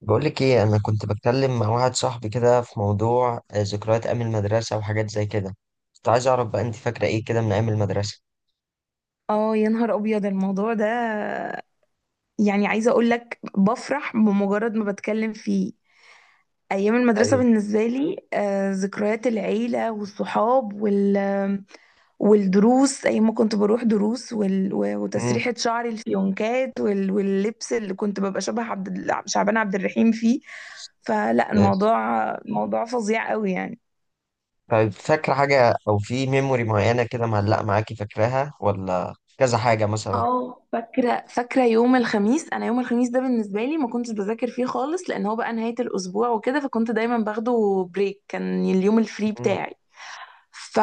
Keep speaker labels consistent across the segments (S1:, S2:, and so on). S1: بقولك ايه، انا كنت بتكلم مع واحد صاحبي كده في موضوع ذكريات ايام المدرسه وحاجات زي كده. كنت عايز اعرف بقى انت فاكره ايه كده من ايام المدرسه.
S2: اه يا نهار ابيض الموضوع ده. يعني عايزه اقول لك بفرح بمجرد ما بتكلم فيه. ايام المدرسه
S1: ايوه.
S2: بالنسبه لي ذكريات العيله والصحاب والدروس، ايام ما كنت بروح دروس
S1: امم.
S2: وتسريحه شعري الفيونكات واللبس اللي كنت ببقى شبه شعبان عبد الرحيم فيه. فلا الموضوع موضوع فظيع قوي يعني.
S1: طيب، فاكره حاجه او في ميموري معينه كده معلقه معاكي فاكراها ولا كذا حاجه مثلا؟
S2: اه فاكرة يوم الخميس. أنا يوم الخميس ده بالنسبة لي ما كنتش بذاكر فيه خالص، لأن هو بقى نهاية الأسبوع وكده، فكنت دايما باخده بريك. كان اليوم الفري
S1: امم.
S2: بتاعي.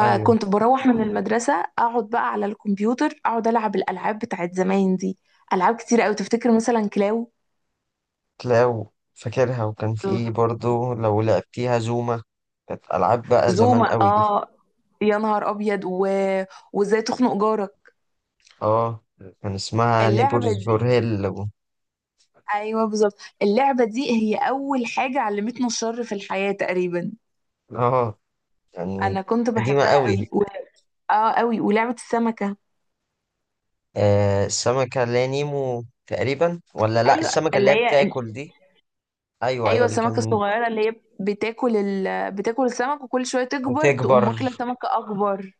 S1: ايوه.
S2: بروح من المدرسة، أقعد بقى على الكمبيوتر، أقعد ألعب الألعاب بتاعت زمان دي. ألعاب كتير أوي، تفتكر مثلا كلاو؟
S1: تلاقوا. فاكرها، وكان في ايه برضو لو لعبتيها زوما؟ كانت العاب بقى زمان
S2: زوما،
S1: قوي دي.
S2: اه يا نهار أبيض وإزاي تخنق جارك.
S1: اه. كان اسمها
S2: اللعبة
S1: نيبورز فور
S2: دي،
S1: هيل.
S2: أيوه بالظبط. اللعبة دي هي أول حاجة علمتنا الشر في الحياة تقريبا.
S1: اه، يعني
S2: انا كنت
S1: قديمه
S2: بحبها
S1: قوي.
S2: قوي اه قوي. ولعبة السمكة،
S1: السمكة اللي هي نيمو تقريبا ولا لا،
S2: ايوه
S1: السمكة اللي
S2: اللي
S1: هي
S2: هي،
S1: بتاكل دي؟ ايوه ايوه،
S2: ايوه
S1: اللي
S2: السمكة
S1: كان.
S2: الصغيرة اللي هي بتاكل السمك، وكل شوية تكبر تقوم
S1: وتكبر.
S2: واكلة سمكة اكبر.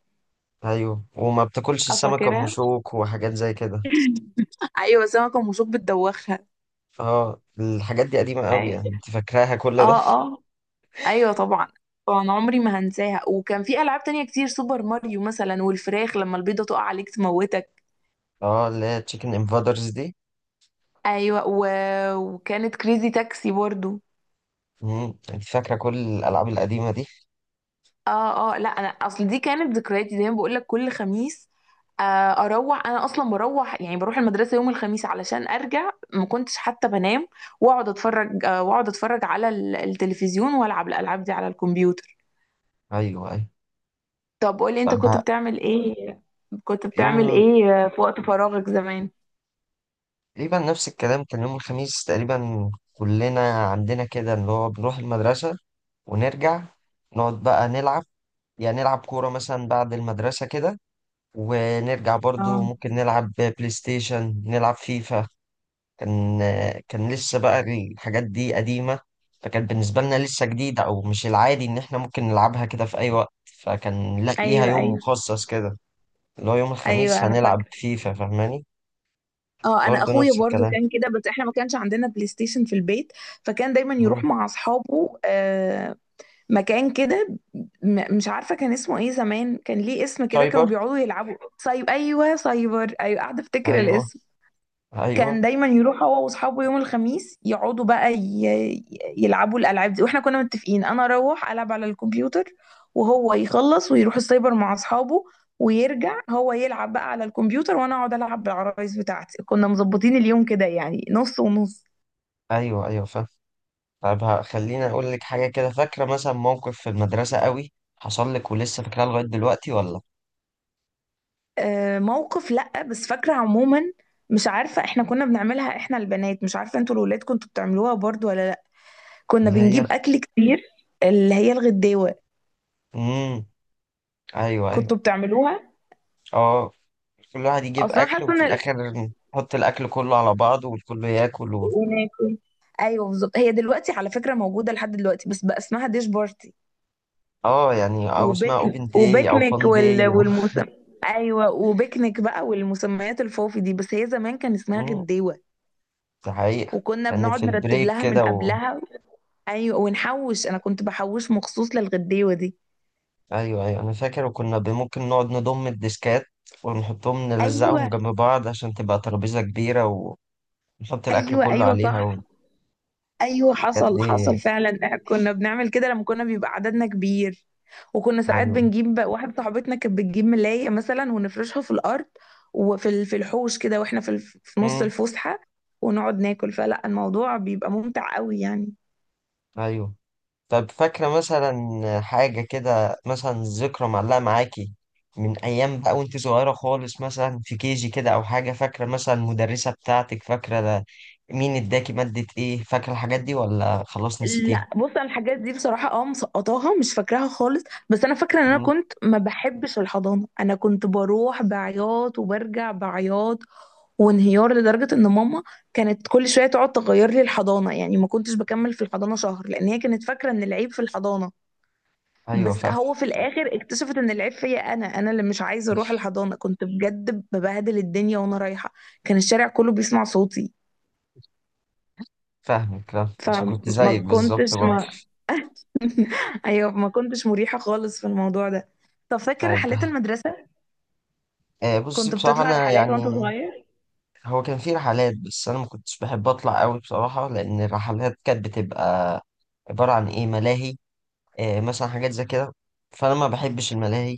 S1: ايوه، وما بتاكلش
S2: اه
S1: السمكة ام
S2: فاكرها.
S1: شوك وحاجات زي كده.
S2: ايوه سمكة ومشوك بتدوخها.
S1: اه، الحاجات دي قديمة قوي يعني،
S2: أيوة.
S1: انت فاكراها كل ده؟
S2: اه اه، ايوه طبعا. طبعا عمري ما هنساها. وكان في العاب تانية كتير، سوبر ماريو مثلا، والفراخ لما البيضة تقع عليك تموتك.
S1: اه، اللي هي تشيكن انفادرز دي.
S2: ايوه وكانت كريزي تاكسي برضو.
S1: انت فاكرة كل الالعاب القديمة دي.
S2: اه اه، لا انا اصل دي كانت ذكرياتي زي ما بقول لك كل خميس. آه، اروح، انا اصلا بروح يعني بروح المدرسه يوم الخميس علشان ارجع ما كنتش حتى بنام. واقعد اتفرج، واقعد اتفرج على التلفزيون والعب الالعاب دي على الكمبيوتر.
S1: ايوه ايوه.
S2: طب قولي انت كنت
S1: طب
S2: بتعمل ايه، كنت
S1: يوم
S2: بتعمل
S1: ال-
S2: ايه في وقت فراغك زمان؟
S1: تقريبا نفس الكلام، كان يوم الخميس تقريبا. كلنا عندنا كده، اللي هو بنروح المدرسة ونرجع، نقعد بقى نلعب. يعني نلعب كورة مثلا بعد المدرسة كده. ونرجع برضو
S2: اه،
S1: ممكن نلعب بلاي ستيشن، نلعب فيفا. كان كان لسه بقى الحاجات دي قديمة، فكان بالنسبة لنا لسه جديدة، أو مش العادي إن إحنا ممكن نلعبها كده في أي وقت. فكان لا، ليها
S2: ايوه
S1: يوم
S2: ايوه.
S1: مخصص كده اللي هو يوم الخميس
S2: ايوه انا
S1: هنلعب
S2: فاكره.
S1: فيفا، فاهماني؟
S2: اه انا
S1: برضو
S2: اخويا
S1: نفس
S2: برضو
S1: الكلام.
S2: كان كده، بس احنا ما كانش عندنا بلاي ستيشن في البيت. فكان دايما يروح
S1: مم.
S2: مع اصحابه، مكان كده مش عارفه كان اسمه ايه زمان، كان ليه اسم كده، كانوا
S1: سايبر.
S2: بيقعدوا يلعبوا سايب، ايوه سايبر، ايوه قاعده افتكر
S1: أيوه
S2: الاسم. كان
S1: أيوه
S2: دايما يروح هو واصحابه يوم الخميس يقعدوا بقى يلعبوا الالعاب دي، واحنا كنا متفقين انا اروح العب على الكمبيوتر، وهو يخلص ويروح السايبر مع اصحابه، ويرجع هو يلعب بقى على الكمبيوتر وانا اقعد العب بالعرايس بتاعتي. كنا مظبطين اليوم كده يعني نص ونص.
S1: أيوه أيوه. فاهم. طب خليني أقول لك حاجة كده. فاكرة مثلا موقف في المدرسة قوي حصل لك ولسه فاكراه لغاية دلوقتي ولا؟
S2: موقف لأ، بس فاكرة عموما. مش عارفة احنا كنا بنعملها احنا البنات، مش عارفة انتوا الولاد كنتوا بتعملوها برضو ولا لأ، كنا
S1: اللي هي.
S2: بنجيب أكل كتير، اللي هي الغداوة.
S1: امم. ايوه
S2: كنتوا
S1: ايوه.
S2: بتعملوها؟
S1: اه، كل واحد يجيب
S2: أصلا
S1: اكل
S2: حاسة ان
S1: وفي الاخر نحط الاكل كله على بعضه والكل ياكل و...
S2: وناكل، ايوه بالظبط. هي دلوقتي على فكرة موجودة لحد دلوقتي، بس بقى اسمها ديش بارتي
S1: اه يعني، او اسمها
S2: وبيكنيك
S1: اوبن داي او
S2: وبيكنيك
S1: فان
S2: وال...
S1: داي و...
S2: والمسم ايوه وبيكنيك بقى والمسميات الفوفي دي، بس هي زمان كان اسمها
S1: مم،
S2: غداوة.
S1: ده حقيقة.
S2: وكنا
S1: كانت
S2: بنقعد
S1: في
S2: نرتب
S1: البريك
S2: لها من
S1: كده و...
S2: قبلها. ايوه ونحوش، انا كنت بحوش مخصوص للغديوه دي.
S1: ايوه ايوه، انا فاكر. وكنا ممكن نقعد نضم الديسكات ونحطهم، نلزقهم
S2: ايوه
S1: جنب بعض عشان تبقى ترابيزة كبيرة، ونحط الاكل
S2: ايوه،
S1: كله
S2: ايوه
S1: عليها
S2: صح.
S1: والحاجات
S2: ايوه حصل
S1: دي.
S2: حصل فعلا، كنا بنعمل كده لما كنا بيبقى عددنا كبير. وكنا ساعات
S1: ايوه.
S2: بنجيب واحد صاحبتنا كانت بتجيب ملايه مثلا ونفرشها في الارض، وفي في الحوش كده، واحنا في في نص
S1: امم.
S2: الفسحه، ونقعد ناكل، فلا الموضوع بيبقى ممتع قوي يعني.
S1: ايوه. طب فاكرة مثلا حاجة كده، مثلا ذكرى معلقة معاكي من أيام بقى وأنت صغيرة خالص، مثلا في كيجي كده أو حاجة؟ فاكرة مثلا المدرسة بتاعتك؟ فاكرة ده؟ مين اداكي مادة إيه؟ فاكرة الحاجات دي ولا خلاص نسيتيها؟
S2: لا بص، انا الحاجات دي بصراحه اه مسقطاها مش فاكراها خالص. بس انا فاكره ان انا
S1: مم.
S2: كنت ما بحبش الحضانه، انا كنت بروح بعياط وبرجع بعياط وانهيار، لدرجه ان ماما كانت كل شويه تقعد تغير لي الحضانه. يعني ما كنتش بكمل في الحضانه شهر، لان هي كانت فاكره ان العيب في الحضانه،
S1: أيوه،
S2: بس
S1: فاهم.
S2: هو في الاخر اكتشفت ان العيب فيا انا، انا اللي مش عايزه اروح الحضانه. كنت بجد ببهدل الدنيا وانا رايحه، كان الشارع كله بيسمع صوتي.
S1: فاهمك، لا مش كنت زيك
S2: فما
S1: بالظبط
S2: كنتش
S1: برضه.
S2: ما ايوه ما كنتش مريحة خالص في الموضوع ده. طب فاكر
S1: طيب،
S2: رحلات المدرسة،
S1: بصي
S2: كنت
S1: بصراحة
S2: بتطلع
S1: أنا
S2: رحلات وانت
S1: يعني
S2: صغير؟
S1: هو كان في رحلات، بس أنا ما كنتش بحب أطلع أوي بصراحة، لأن الرحلات كانت بتبقى عبارة عن إيه، ملاهي، مثلا حاجات زي كده. فانا ما بحبش الملاهي،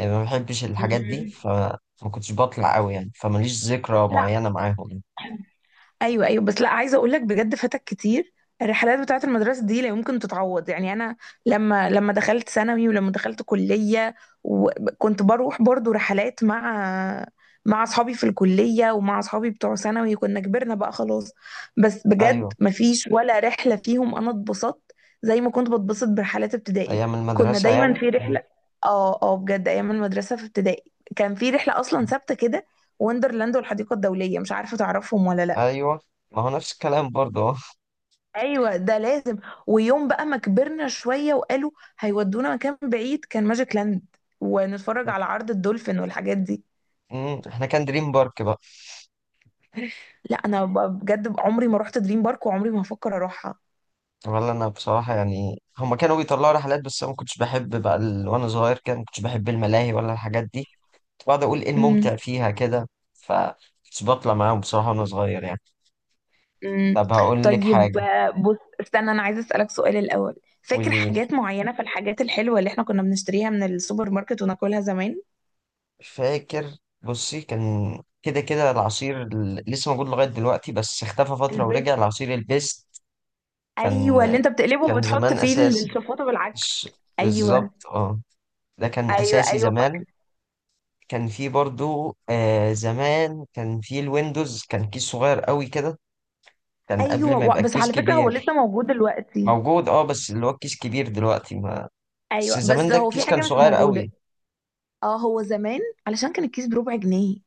S1: ما بحبش الحاجات دي
S2: مم.
S1: فما كنتش بطلع قوي يعني، فماليش ذكرى
S2: لا،
S1: معينة معاهم يعني.
S2: ايوه ايوه. بس لا عايزه اقول لك بجد فاتك كتير. الرحلات بتاعه المدرسه دي لا يمكن تتعوض يعني. انا لما دخلت ثانوي ولما دخلت كليه، وكنت بروح برضو رحلات مع مع اصحابي في الكليه ومع اصحابي بتوع ثانوي، كنا كبرنا بقى خلاص، بس بجد
S1: ايوه،
S2: مفيش ولا رحله فيهم انا اتبسطت زي ما كنت بتبسط برحلات ابتدائي.
S1: ايام
S2: كنا
S1: المدرسة
S2: دايما
S1: يعني.
S2: في رحله. اه اه، بجد ايام المدرسه في ابتدائي كان في رحله اصلا
S1: م-
S2: ثابته كده، وندرلاند والحديقه الدوليه، مش عارفه تعرفهم ولا لا.
S1: ايوه، ما هو نفس الكلام برضه. اه.
S2: ايوه ده لازم. ويوم بقى ما كبرنا شويه وقالوا هيودونا مكان بعيد، كان ماجيك لاند، ونتفرج على عرض الدولفين والحاجات دي.
S1: احنا كان دريم بارك بقى.
S2: لا انا بجد عمري ما رحت دريم بارك وعمري ما هفكر اروحها.
S1: ولا انا بصراحة يعني، هما كانوا بيطلعوا رحلات بس انا ما كنتش بحب بقى ال... وانا صغير كان ما كنتش بحب الملاهي ولا الحاجات دي. كنت بقعد اقول ايه
S2: امم،
S1: الممتع فيها كده، ف كنتش بطلع معاهم بصراحة وانا صغير يعني.
S2: امم.
S1: طب هقول لك
S2: طيب
S1: حاجة.
S2: بص استنى، انا عايزه اسالك سؤال الاول، فاكر
S1: قولي.
S2: حاجات معينه في الحاجات الحلوه اللي احنا كنا بنشتريها من السوبر ماركت وناكلها زمان؟
S1: فاكر. بصي كان كده كده العصير لسه موجود لغاية دلوقتي بس اختفى فترة
S2: البس،
S1: ورجع، العصير البيست. كان
S2: ايوه اللي انت بتقلبه
S1: كان
S2: وبتحط
S1: زمان
S2: فيه
S1: أساسي.
S2: الشفاطه
S1: مش
S2: بالعكس، ايوه.
S1: بالظبط اه، ده كان
S2: ايوه
S1: أساسي
S2: ايوه،
S1: زمان. كان فيه برضو زمان كان فيه الويندوز، كان كيس صغير قوي كده، كان قبل ما يبقى
S2: بس
S1: الكيس
S2: على فكره هو لسه
S1: كبير.
S2: موجود دلوقتي.
S1: موجود اه، بس اللي هو الكيس كبير دلوقتي ما بس
S2: ايوه
S1: زمان
S2: بس
S1: ده
S2: هو في
S1: الكيس كان
S2: حاجه مش
S1: صغير
S2: موجوده.
S1: قوي.
S2: اه هو زمان، علشان كان الكيس بربع جنيه،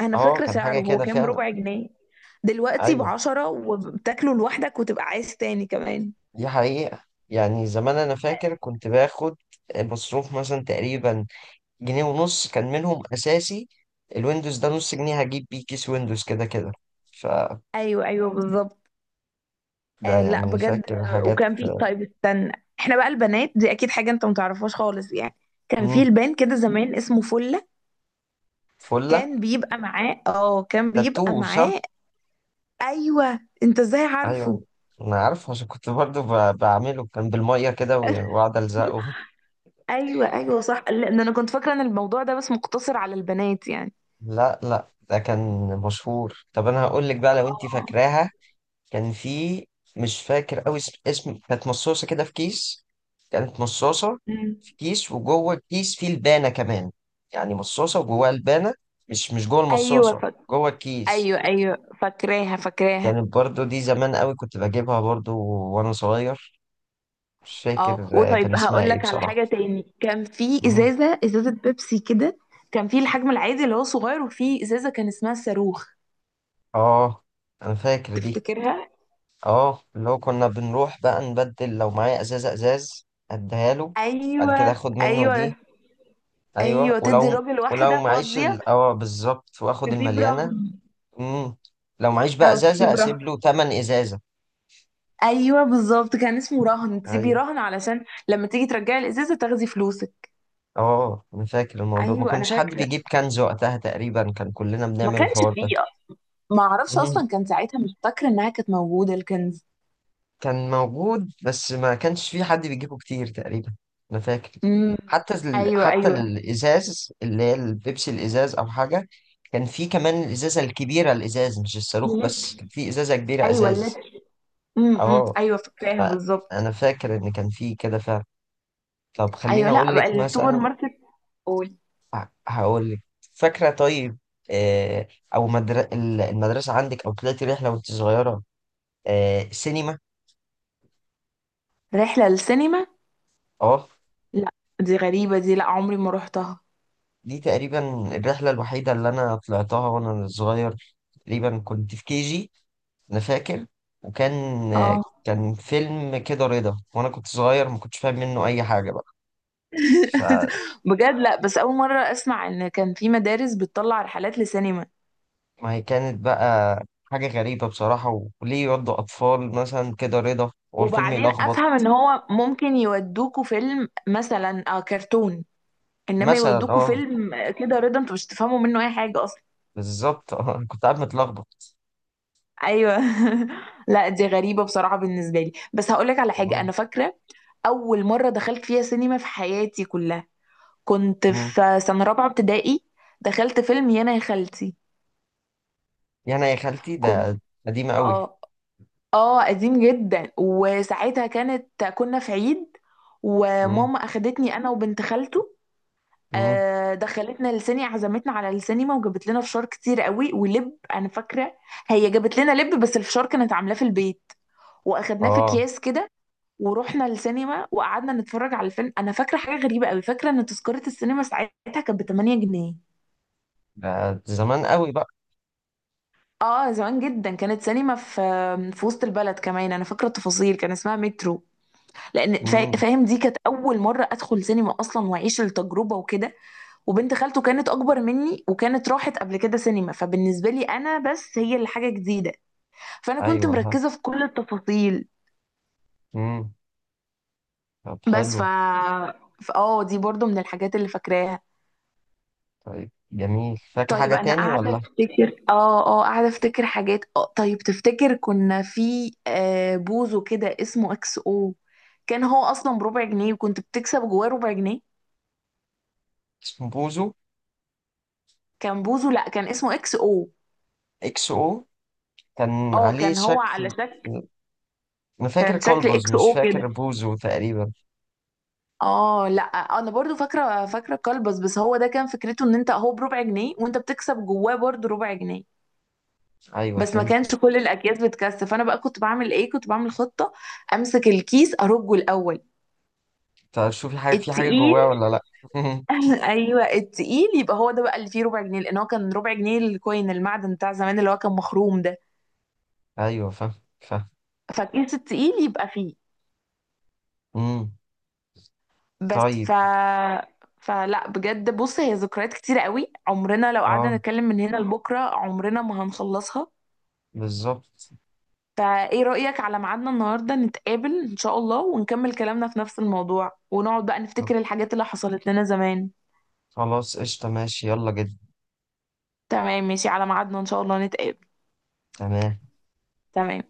S2: انا
S1: اه،
S2: فاكره
S1: كان حاجة
S2: سعره، هو
S1: كده
S2: كان
S1: فعلا.
S2: بربع جنيه. دلوقتي
S1: ايوه،
S2: بعشرة وبتاكله لوحدك وتبقى عايز تاني كمان.
S1: دي حقيقة يعني. زمان أنا فاكر كنت باخد مصروف مثلا تقريبا جنيه ونص، كان منهم أساسي الويندوز ده نص جنيه، هجيب بيه كيس ويندوز كده كده، ف
S2: ايوه ايوه بالظبط.
S1: ده
S2: آه لا
S1: يعني.
S2: بجد،
S1: فاكر حاجات.
S2: وكان في، طيب استنى، احنا بقى البنات دي اكيد حاجه انت متعرفهاش خالص يعني. كان في
S1: مم.
S2: لبان كده زمان اسمه فله،
S1: فلة.
S2: كان بيبقى معاه اه كان
S1: تاتو
S2: بيبقى
S1: صح؟
S2: معاه ايوه انت ازاي
S1: أيوة،
S2: عارفه؟
S1: أنا عارف عشان كنت برضو بعمله، كان بالمية كده وأقعد ألزقه.
S2: ايوه ايوه صح، لان انا كنت فاكره ان الموضوع ده بس مقتصر على البنات يعني.
S1: لا لا، ده كان مشهور. طب أنا هقول لك بقى لو أنت
S2: اه.
S1: فاكراها، كان في، مش فاكر قوي اسم كانت مصاصة كده في كيس، كانت مصاصة
S2: مم.
S1: في كيس وجوه الكيس فيه لبانة كمان، يعني مصاصة وجواها لبانة، مش جوه
S2: ايوه
S1: المصاصة، جوه الكيس.
S2: ايوه ايوه، فاكراها.
S1: كانت برضو دي زمان قوي، كنت بجيبها برضو وانا صغير، مش فاكر
S2: اه
S1: كان
S2: وطيب
S1: اسمها
S2: هقول
S1: ايه
S2: لك على
S1: بصراحة.
S2: حاجه تاني، كان في
S1: مهم.
S2: ازازه، ازازه بيبسي كده، كان في الحجم العادي اللي هو صغير، وفي ازازه كان اسمها صاروخ.
S1: اه، انا فاكر دي.
S2: تفتكرها؟
S1: اه، اللي هو كنا بنروح بقى نبدل. لو معايا ازازة ازاز اديها له بعد كده
S2: ايوه
S1: اخد منه دي.
S2: ايوه.
S1: ايوه،
S2: ايوه تدي
S1: ولو
S2: الراجل
S1: ولو
S2: واحده
S1: معيش
S2: فاضيه،
S1: ال... اه بالظبط، واخد
S2: تسيب
S1: المليانه.
S2: رهن،
S1: امم. لو معيش بقى
S2: او تسيب
S1: ازازه
S2: رهن.
S1: اسيب له تمن ازازه.
S2: ايوه بالظبط، كان اسمه رهن، تسيبي
S1: ايوه.
S2: رهن علشان لما تيجي ترجعي الازازه تاخدي فلوسك.
S1: اه، انا فاكر الموضوع ما
S2: ايوه انا
S1: كنش حد
S2: فاكره،
S1: بيجيب كنز وقتها تقريبا، كان كلنا
S2: ما
S1: بنعمل
S2: كانش
S1: الحوار
S2: فيه،
S1: ده.
S2: ما اعرفش
S1: مم.
S2: اصلا كان ساعتها، مش فاكره انها كانت موجوده الكنز.
S1: كان موجود بس ما كانش في حد بيجيبه كتير تقريبا. انا فاكر
S2: امم.
S1: حتى ال...
S2: ايوه
S1: حتى
S2: ايوه،
S1: الازاز اللي هي البيبسي الازاز او حاجه، كان في كمان الازازه الكبيره، الازاز مش الصاروخ، بس
S2: اللتر،
S1: كان في ازازه كبيره
S2: ايوه
S1: ازاز.
S2: اللتر.
S1: اه،
S2: ايوه فاكراها بالظبط.
S1: فانا فاكر ان كان في كده فعلا. طب
S2: ايوه
S1: خليني
S2: لا
S1: اقول لك
S2: بقى السوبر
S1: مثلا.
S2: ماركت، قول.
S1: هقول لك، فاكره طيب. آه. او المدرسه عندك، او طلعتي رحله وانت صغيره، سينما.
S2: رحله للسينما؟
S1: اه،
S2: لا، دي غريبه دي، لا عمري ما رحتها.
S1: دي تقريبا الرحله الوحيده اللي انا طلعتها وانا صغير، تقريبا كنت في كي جي انا فاكر، وكان آه،
S2: اه.
S1: كان فيلم كده رضا، وانا كنت صغير ما كنتش فاهم منه اي حاجه. بقى
S2: بجد؟ لا بس اول مره اسمع ان كان في مدارس بتطلع رحلات لسينما.
S1: ما هي كانت بقى حاجة غريبة بصراحة، وليه يودوا أطفال مثلا كده رضا والفيلم
S2: وبعدين
S1: يلخبط.
S2: افهم ان هو ممكن يودوكوا فيلم مثلا آه كرتون، انما
S1: مثلا
S2: يودوكوا
S1: اه.
S2: فيلم كده رضا، انتوا مش تفهموا منه اي حاجه اصلا.
S1: بالظبط اه، أنا كنت قاعد متلخبط.
S2: ايوه. لا دي غريبه بصراحه بالنسبه لي. بس هقول لك على حاجه
S1: والله.
S2: انا فاكره، اول مره دخلت فيها سينما في حياتي كلها، كنت
S1: مم.
S2: في سنه رابعه ابتدائي، دخلت فيلم يانا يا خالتي.
S1: يعني يا خالتي
S2: كنت،
S1: ده قديمة أوي.
S2: اه اه قديم جدا. وساعتها كانت كنا في عيد،
S1: مم.
S2: وماما اخدتني انا وبنت خالته،
S1: مم.
S2: دخلتنا للسينما، عزمتنا على السينما، وجابت لنا فشار كتير قوي ولب. انا فاكره هي جابت لنا لب، بس الفشار كانت عاملاه في البيت واخدناه في
S1: اه،
S2: اكياس كده. ورحنا للسينما وقعدنا نتفرج على الفيلم. انا فاكره حاجه غريبه قوي، فاكره ان تذكره السينما ساعتها كانت ب 8 جنيه.
S1: ده زمان أوي بقى.
S2: اه زمان جدا. كانت سينما في في وسط البلد كمان، انا فاكره التفاصيل، كان اسمها مترو. لان
S1: مم.
S2: فاهم، دي كانت اول مره ادخل سينما اصلا واعيش التجربه وكده. وبنت خالته كانت اكبر مني وكانت راحت قبل كده سينما، فبالنسبه لي انا بس هي اللي حاجه جديده، فانا كنت
S1: أيوه ها.
S2: مركزه في كل التفاصيل.
S1: مم. طب
S2: بس ف
S1: حلو.
S2: اه دي برضو من الحاجات اللي فاكراها.
S1: طيب جميل، فاكر
S2: طيب
S1: حاجة
S2: انا
S1: تاني
S2: قاعده
S1: ولا؟
S2: افتكر، اه اه قاعده افتكر حاجات. اه طيب تفتكر كنا في بوزو كده اسمه اكس او؟ كان هو اصلا بربع جنيه وكنت بتكسب جواه ربع جنيه.
S1: اسمه بوزو.
S2: كان بوزو، لا كان اسمه اكس او.
S1: إكس أو. كان
S2: اه
S1: عليه
S2: كان هو على
S1: شكل.
S2: شكل،
S1: أنا فاكر
S2: كان شكل
S1: كلبز،
S2: اكس
S1: مش
S2: او كده.
S1: فاكر بوزو تقريبا.
S2: اه لا انا برضو فاكره، فاكره كلبس، بس هو ده كان فكرته ان انت، هو بربع جنيه وانت بتكسب جواه برضو ربع جنيه.
S1: أيوه،
S2: بس ما
S1: فهمت.
S2: كانش كل الاكياس بتكسب، فانا بقى كنت بعمل ايه، كنت بعمل خطه، امسك الكيس ارجه الاول.
S1: طب شوفي حاجة في حاجة
S2: التقيل.
S1: جواه ولا لأ؟
S2: ايوه التقيل يبقى هو ده بقى اللي فيه ربع جنيه، لان هو كان ربع جنيه الكوين المعدن بتاع زمان اللي هو كان مخروم ده.
S1: أيوه، فاهم فاهم.
S2: فالكيس التقيل يبقى فيه.
S1: مم.
S2: بس
S1: طيب.
S2: ف فلا بجد بص، هي ذكريات كتيرة قوي، عمرنا لو قعدنا
S1: اه،
S2: نتكلم من هنا لبكرة عمرنا ما هنخلصها.
S1: بالظبط.
S2: فايه رأيك على ميعادنا النهارده، نتقابل ان شاء الله ونكمل كلامنا في نفس الموضوع، ونقعد بقى نفتكر الحاجات اللي حصلت لنا زمان.
S1: خلاص، قشطة، ماشي، يلا جد.
S2: تمام ماشي، على ميعادنا ان شاء الله نتقابل.
S1: تمام.
S2: تمام.